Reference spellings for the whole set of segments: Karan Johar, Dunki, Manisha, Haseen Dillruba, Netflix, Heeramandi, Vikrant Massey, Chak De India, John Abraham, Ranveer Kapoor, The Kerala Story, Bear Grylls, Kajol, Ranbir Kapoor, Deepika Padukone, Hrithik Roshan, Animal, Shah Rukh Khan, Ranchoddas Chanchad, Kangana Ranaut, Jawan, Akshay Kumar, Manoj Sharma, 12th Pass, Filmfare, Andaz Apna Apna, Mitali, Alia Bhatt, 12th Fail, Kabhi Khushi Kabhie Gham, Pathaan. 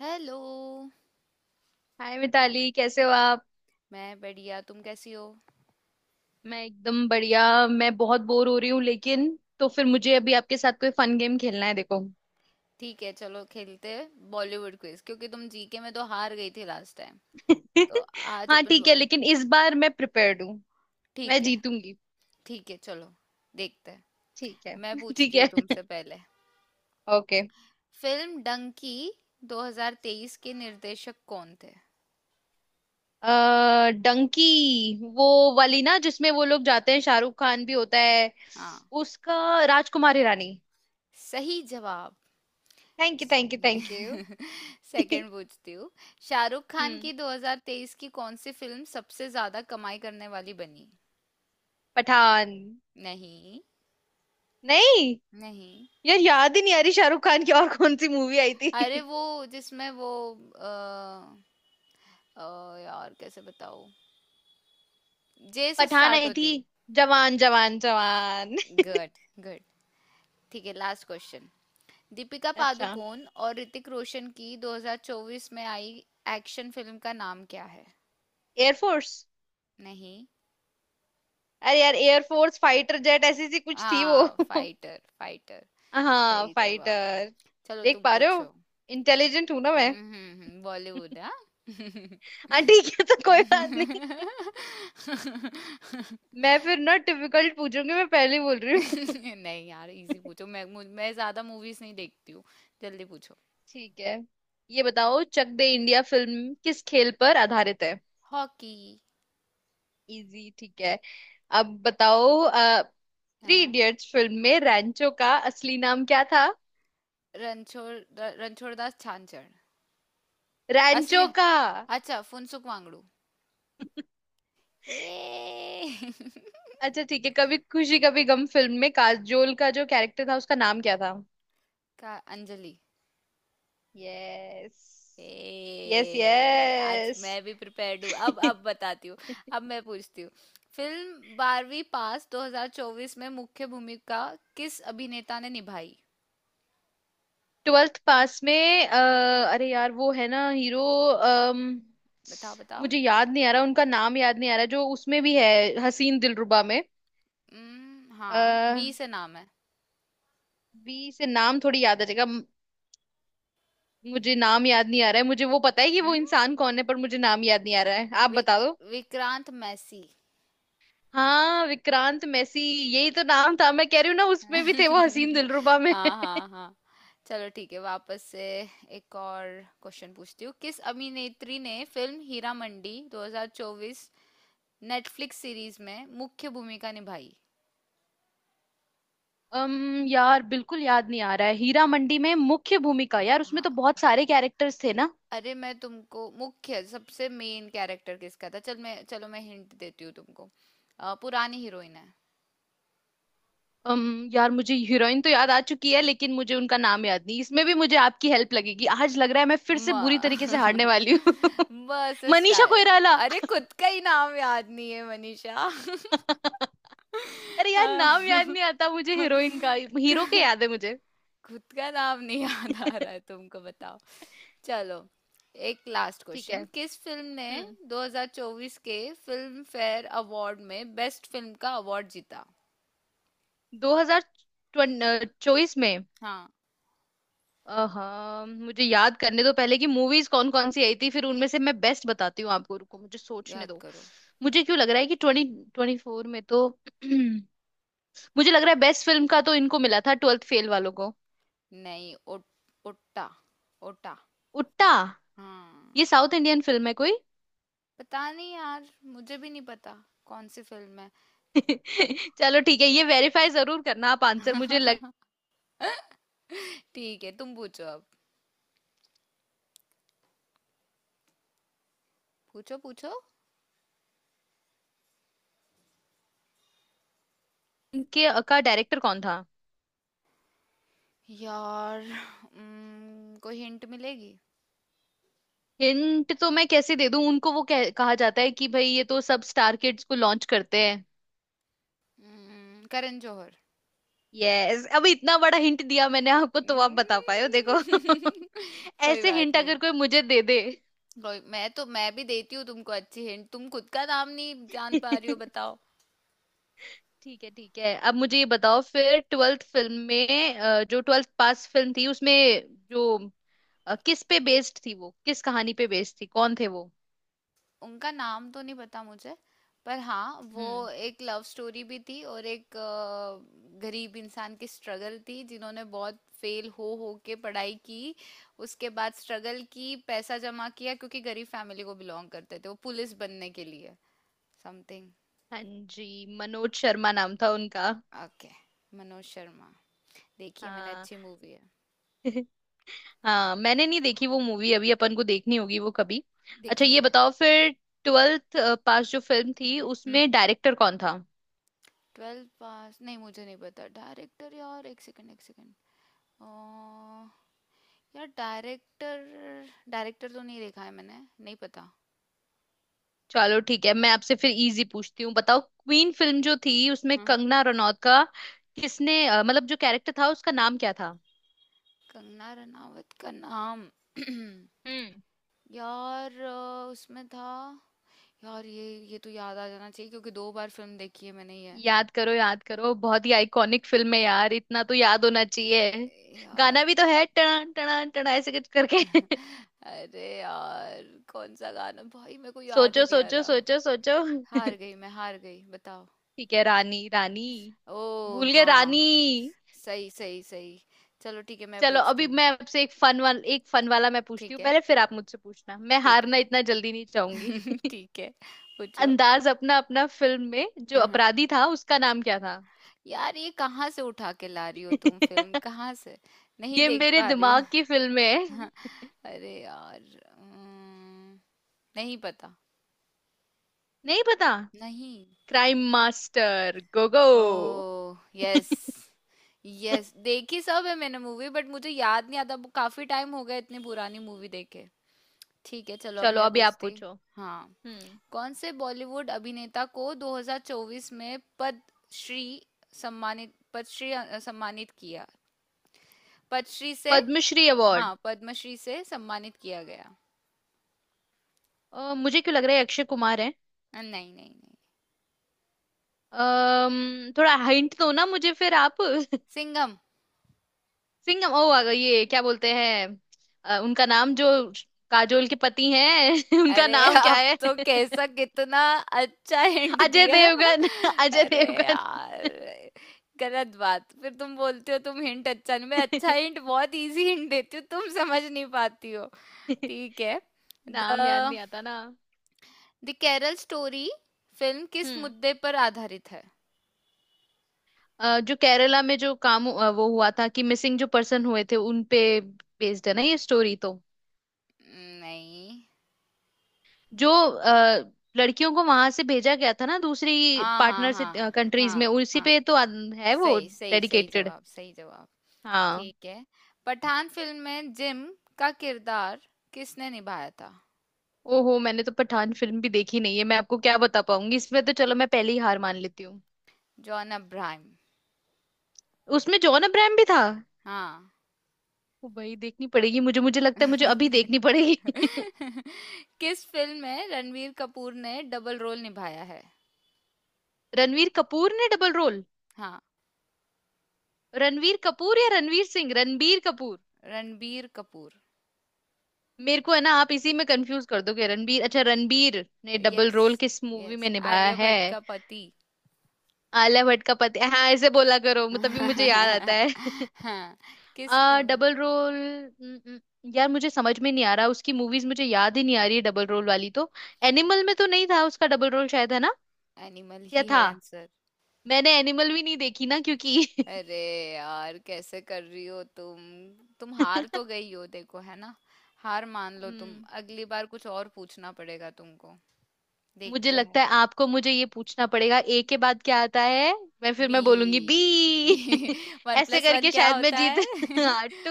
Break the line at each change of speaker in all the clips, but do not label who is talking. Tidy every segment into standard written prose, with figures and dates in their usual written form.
Hello.
Hi Mitali, कैसे हो आप।
मैं बढ़िया, तुम कैसी हो?
मैं एकदम बढ़िया। मैं बहुत बोर हो रही हूँ लेकिन। तो फिर मुझे अभी आपके साथ कोई फन गेम खेलना है, देखो।
ठीक है, चलो खेलते हैं बॉलीवुड क्विज क्योंकि तुम जीके में तो हार गई थी लास्ट टाइम। तो आज
हाँ
अपन
ठीक है,
बो-
लेकिन इस बार मैं प्रिपेयर्ड हूँ। मैं
ठीक है।
जीतूंगी।
ठीक है, चलो देखते हैं।
ठीक है
मैं
ठीक
पूछती हूँ
है।
तुमसे पहले।
ओके।
फिल्म डंकी 2023 के निर्देशक कौन थे?
डंकी, वो वाली ना जिसमें वो लोग जाते हैं, शाहरुख खान भी होता है।
हाँ।
उसका राजकुमारी रानी।
सही जवाब।
Thank you thank you thank you.
Second पूछती हूँ। शाहरुख खान
हम्म।
की 2023 की कौन सी फिल्म सबसे ज्यादा कमाई करने वाली बनी?
पठान।
नहीं।
नहीं।
नहीं।
यार याद ही नहीं आ रही, शाहरुख खान की और कौन सी मूवी आई
अरे
थी।
वो जिसमें वो अ, यार कैसे बताओ। जे से
पठान
स्टार्ट
आई थी।
होती है।
जवान जवान जवान
गुड। गुड। ठीक है, लास्ट क्वेश्चन। दीपिका
अच्छा।
पादुकोण और ऋतिक रोशन की 2024 में आई एक्शन फिल्म का नाम क्या है?
एयरफोर्स।
नहीं।
अरे यार, एयरफोर्स फाइटर जेट ऐसी सी कुछ थी वो।
हाँ, फाइटर फाइटर।
हाँ
सही जवाब।
फाइटर।
चलो,
देख
तुम
पा रहे हो।
पूछो।
इंटेलिजेंट हूं ना मैं।
हम्म, बॉलीवुड, हाँ।
हाँ ठीक है, तो कोई बात नहीं। मैं फिर ना डिफिकल्ट पूछूंगी, मैं पहले ही बोल रही हूँ।
नहीं यार, इजी पूछो। मैं ज्यादा मूवीज नहीं देखती हूँ। जल्दी पूछो।
ठीक है। ये बताओ, चक दे इंडिया फिल्म किस खेल पर आधारित है।
हॉकी।
इजी ठीक है। अब बताओ। थ्री
हाँ।
इडियट्स फिल्म में रैंचो का असली नाम क्या था।
रणछोड़। रणछोड़दास छानछड़। असली।
रैंचो का।
अच्छा, फुनसुक वांगडू। ये।
अच्छा ठीक है, कभी खुशी कभी गम फिल्म में काजोल का जो कैरेक्टर था उसका नाम क्या था।
का अंजलि।
यस यस
ए, आज
यस।
मैं भी प्रिपेयर्ड हूँ। अब बताती हूँ। अब मैं पूछती हूँ। फिल्म बारहवीं पास 2024 में मुख्य भूमिका किस अभिनेता ने निभाई?
ट्वेल्थ पास में। अ, अरे यार वो है ना हीरो।
बताओ बताओ।
मुझे याद नहीं आ रहा उनका नाम, याद नहीं आ रहा जो उसमें भी है। हसीन दिलरुबा में।
हम्म, हाँ,
अः
वी से नाम है।
बी से नाम थोड़ी याद आ जाएगा। मुझे नाम याद नहीं आ रहा है, मुझे वो पता है कि वो
हम्म,
इंसान कौन है, पर मुझे नाम याद नहीं आ रहा है, आप
वि,
बता।
विक्रांत मैसी।
हाँ विक्रांत मैसी। यही तो नाम था, मैं कह रही हूँ ना उसमें भी थे वो हसीन दिलरुबा में
हाँ हाँ हाँ। चलो ठीक है, वापस से। एक और क्वेश्चन पूछती हूँ। किस अभिनेत्री ने film Hira Mandi 2024 Netflix series में मुख्य भूमिका निभाई?
अम यार बिल्कुल याद नहीं आ रहा है, हीरा मंडी में मुख्य भूमिका, यार उसमें
हाँ।
तो बहुत सारे कैरेक्टर्स थे ना।
अरे मैं तुमको मुख्य, सबसे मेन कैरेक्टर किसका था, चल मैं चलो मैं हिंट देती हूँ तुमको। पुरानी हीरोइन है।
अम यार मुझे हीरोइन तो याद आ चुकी है, लेकिन मुझे उनका नाम याद नहीं, इसमें भी मुझे आपकी हेल्प लगेगी, आज लग रहा है मैं फिर
म
से बुरी तरीके से हारने वाली हूँ
म से
मनीषा
स्टार।
कोइराला।
अरे खुद का ही नाम याद नहीं है मनीषा।
अरे
अ,
यार नाम याद नहीं आता मुझे हीरोइन का।
क-
हीरो के याद है मुझे।
खुद का नाम नहीं याद आ रहा है तुमको, बताओ। चलो। एक लास्ट
ठीक है।
क्वेश्चन। किस फिल्म ने
हम्म।
2024 के फिल्म फेयर अवार्ड में बेस्ट फिल्म का अवार्ड जीता?
2024 में।
हाँ।
हाँ मुझे याद करने दो पहले कि मूवीज कौन कौन सी आई थी, फिर उनमें से मैं बेस्ट बताती हूँ आपको, रुको मुझे सोचने
याद
दो।
करो।
मुझे क्यों लग रहा है कि 2024 में तो मुझे लग रहा है बेस्ट फिल्म का तो इनको मिला था, ट्वेल्थ फेल वालों को।
नहीं। ओटा। ओटा।
उट्टा। ये
हाँ।
साउथ इंडियन फिल्म है कोई।
पता नहीं यार, मुझे भी नहीं पता कौन सी फिल्म है।
चलो ठीक है, ये वेरीफाई जरूर करना आप आंसर, मुझे लग।
ठीक है, तुम पूछो अब। पूछो पूछो।
के का डायरेक्टर कौन था।
यार, कोई हिंट मिलेगी?
हिंट तो मैं कैसे दे दूं उनको, वो कहा जाता है कि भाई ये तो सब स्टार किड्स को लॉन्च करते हैं।
करण जौहर।
यस, अभी इतना बड़ा हिंट दिया मैंने आपको तो आप बता पाए हो,
उम्म,
देखो
कोई
ऐसे
बात
हिंट
नहीं।
अगर कोई मुझे दे दे।
कोई, मैं भी देती हूँ तुमको अच्छी हिंट, तुम खुद का नाम नहीं जान पा रही हो,
ठीक
बताओ।
है ठीक है, अब मुझे ये बताओ फिर ट्वेल्थ फिल्म में जो ट्वेल्थ पास फिल्म थी उसमें जो किस पे बेस्ड थी वो, किस कहानी पे बेस्ड थी कौन थे वो।
उनका नाम तो नहीं पता मुझे, पर हाँ वो
हम्म।
एक लव स्टोरी भी थी और एक गरीब इंसान की स्ट्रगल थी जिन्होंने बहुत फेल हो के पढ़ाई की। उसके बाद स्ट्रगल की, पैसा जमा किया क्योंकि गरीब फैमिली को बिलोंग करते थे, वो पुलिस बनने के लिए। समथिंग।
हाँ जी। मनोज शर्मा नाम था उनका।
ओके, मनोज शर्मा। देखिए, मैंने
हाँ
अच्छी मूवी है।
हाँ मैंने नहीं देखी वो मूवी, अभी अपन को देखनी होगी वो कभी। अच्छा ये
देखेंगे।
बताओ फिर, ट्वेल्थ पास जो फिल्म थी
हम्म।
उसमें डायरेक्टर कौन था।
ट्वेल्व पास, नहीं मुझे नहीं पता डायरेक्टर यार। एक सेकंड, एक सेकंड। यार डायरेक्टर। डायरेक्टर तो नहीं देखा है मैंने, नहीं पता।
चलो ठीक है, मैं आपसे फिर इजी पूछती हूँ, बताओ क्वीन फिल्म जो थी उसमें
हाँ।
कंगना रनौत का किसने मतलब जो कैरेक्टर था उसका नाम क्या था।
कंगना रनावत का नाम।
हम्म।
यार उसमें था। यार ये तो याद आ जाना चाहिए क्योंकि दो बार फिल्म देखी है मैंने ये।
याद करो याद करो, बहुत ही आइकॉनिक फिल्म है यार, इतना तो याद होना चाहिए।
यार।
गाना भी तो है, टना टना टना ऐसे कुछ करके
अरे यार, कौन सा गाना भाई, मेरे को याद ही
सोचो
नहीं आ
सोचो
रहा।
सोचो सोचो।
हार गई मैं, हार गई, बताओ।
ठीक है रानी रानी,
ओ
भूल गए रानी।
हाँ। सही सही सही। चलो ठीक है, मैं
चलो
पूछती
अभी
हूँ।
मैं आपसे एक फन वाला मैं पूछती
ठीक
हूँ
है।
पहले, फिर आप मुझसे पूछना, मैं
ठीक
हारना
है।
इतना जल्दी नहीं चाहूंगी
ठीक है। पूछो।
अंदाज अपना अपना फिल्म में जो
हाँ हाँ।
अपराधी था उसका नाम क्या था।
यार ये कहाँ से उठा के ला रही हो तुम, फिल्म कहाँ से? नहीं
ये
देख
मेरे
पा रही हूँ।
दिमाग की फिल्म है।
अरे यार, अम्म, नहीं पता।
नहीं पता।
नहीं।
Crime master gogo.
Oh yes. Yes, देखी सब है मैंने मूवी, बट मुझे याद नहीं आता, काफी टाइम हो गया इतनी पुरानी मूवी देखे। ठीक है, चलो अब
चलो
मैं
अभी आप
पूछती।
पूछो।
हाँ।
हम्म।
कौन से बॉलीवुड अभिनेता को 2024 में पद्मश्री सम्मानित, पद्मश्री सम्मानित किया, पद्मश्री से?
पद्मश्री अवार्ड।
हाँ, पद्मश्री से सम्मानित किया गया।
मुझे क्यों लग रहा है अक्षय कुमार है।
नहीं नहीं नहीं।
थोड़ा हिंट दो ना मुझे फिर आप
सिंघम।
सिंह ओ आ गए, ये क्या बोलते हैं, उनका नाम जो काजोल के पति हैं उनका
अरे
नाम क्या
अब
है
तो कैसा, कितना अच्छा हिंट
अजय
दिया।
देवगन अजय
अरे
देवगन।
यार। गलत बात, फिर तुम बोलते हो तुम हिंट अच्छा नहीं। मैं अच्छा हिंट, बहुत इजी हिंट देती हूँ, तुम समझ नहीं पाती हो। ठीक है। द
नाम याद नहीं आता ना।
द केरल स्टोरी फिल्म किस
हम्म।
मुद्दे पर आधारित है?
जो केरला में जो वो हुआ था कि मिसिंग जो पर्सन हुए थे उन पे बेस्ड है ना ये स्टोरी तो।
नहीं।
जो लड़कियों को वहां से भेजा गया था ना, दूसरी
हाँ हाँ
पार्टनर से
हाँ।
कंट्रीज में,
हाँ
उसी
हाँ।
पे तो है वो
सही सही सही
डेडिकेटेड।
जवाब, सही जवाब।
हाँ।
ठीक है। पठान फिल्म में जिम का किरदार किसने निभाया था?
ओहो मैंने तो पठान फिल्म भी देखी नहीं है, मैं आपको क्या बता पाऊंगी इसमें तो, चलो मैं पहले ही हार मान लेती हूँ।
John Abraham.
उसमें जॉन अब्राहम भी था।
हाँ।
ओ भाई देखनी पड़ेगी मुझे, मुझे लगता है मुझे अभी देखनी पड़ेगी
किस फिल्म में रणवीर कपूर ने डबल रोल निभाया है?
रणवीर कपूर ने डबल रोल।
हाँ।
रणवीर कपूर या रणवीर सिंह, रणबीर कपूर।
रणबीर कपूर।
मेरे को है ना, आप इसी में कंफ्यूज कर दोगे, रणबीर, अच्छा रणबीर ने डबल
यस।
रोल किस मूवी में
यस,
निभाया
आलिया
है।
भट्ट का पति।
आलिया भट्ट का पति, हाँ ऐसे बोला करो, तभी मुझे याद आता है
हाँ।
आ
किस मूवी?
डबल रोल न- न- यार मुझे समझ में नहीं आ रहा, उसकी मूवीज मुझे याद ही नहीं आ रही है डबल रोल वाली तो। एनिमल में तो नहीं था उसका डबल रोल शायद, है ना,
एनिमल
या
ही
था।
है आंसर।
मैंने एनिमल भी नहीं देखी ना क्योंकि
अरे यार, कैसे कर रही हो तुम? तुम हार तो गई हो देखो, है ना? हार मान लो तुम।
हम्म।
अगली बार कुछ और पूछना पड़ेगा तुमको।
मुझे
देखते
लगता है
हैं।
आपको मुझे ये पूछना पड़ेगा, ए के बाद क्या आता है। मैं फिर
बी।
मैं बोलूंगी बी
वन
ऐसे
प्लस वन
करके
क्या
शायद मैं
होता
जीत
है?
हाँ टू।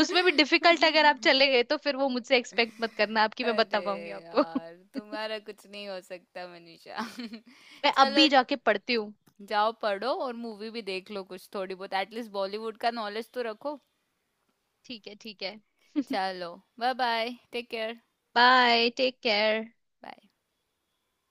उसमें भी डिफिकल्ट अगर आप चले गए तो फिर वो मुझसे एक्सपेक्ट मत करना, आपकी मैं
अरे
बता पाऊंगी आपको
यार, तुम्हारा कुछ नहीं हो सकता मनीषा।
मैं अब
चलो,
भी जाके पढ़ती हूँ।
जाओ पढ़ो और मूवी भी देख लो कुछ थोड़ी बहुत, एटलीस्ट बॉलीवुड का नॉलेज तो रखो।
ठीक है ठीक है।
चलो। Bye bye, take care.
Bye take care.
Bye.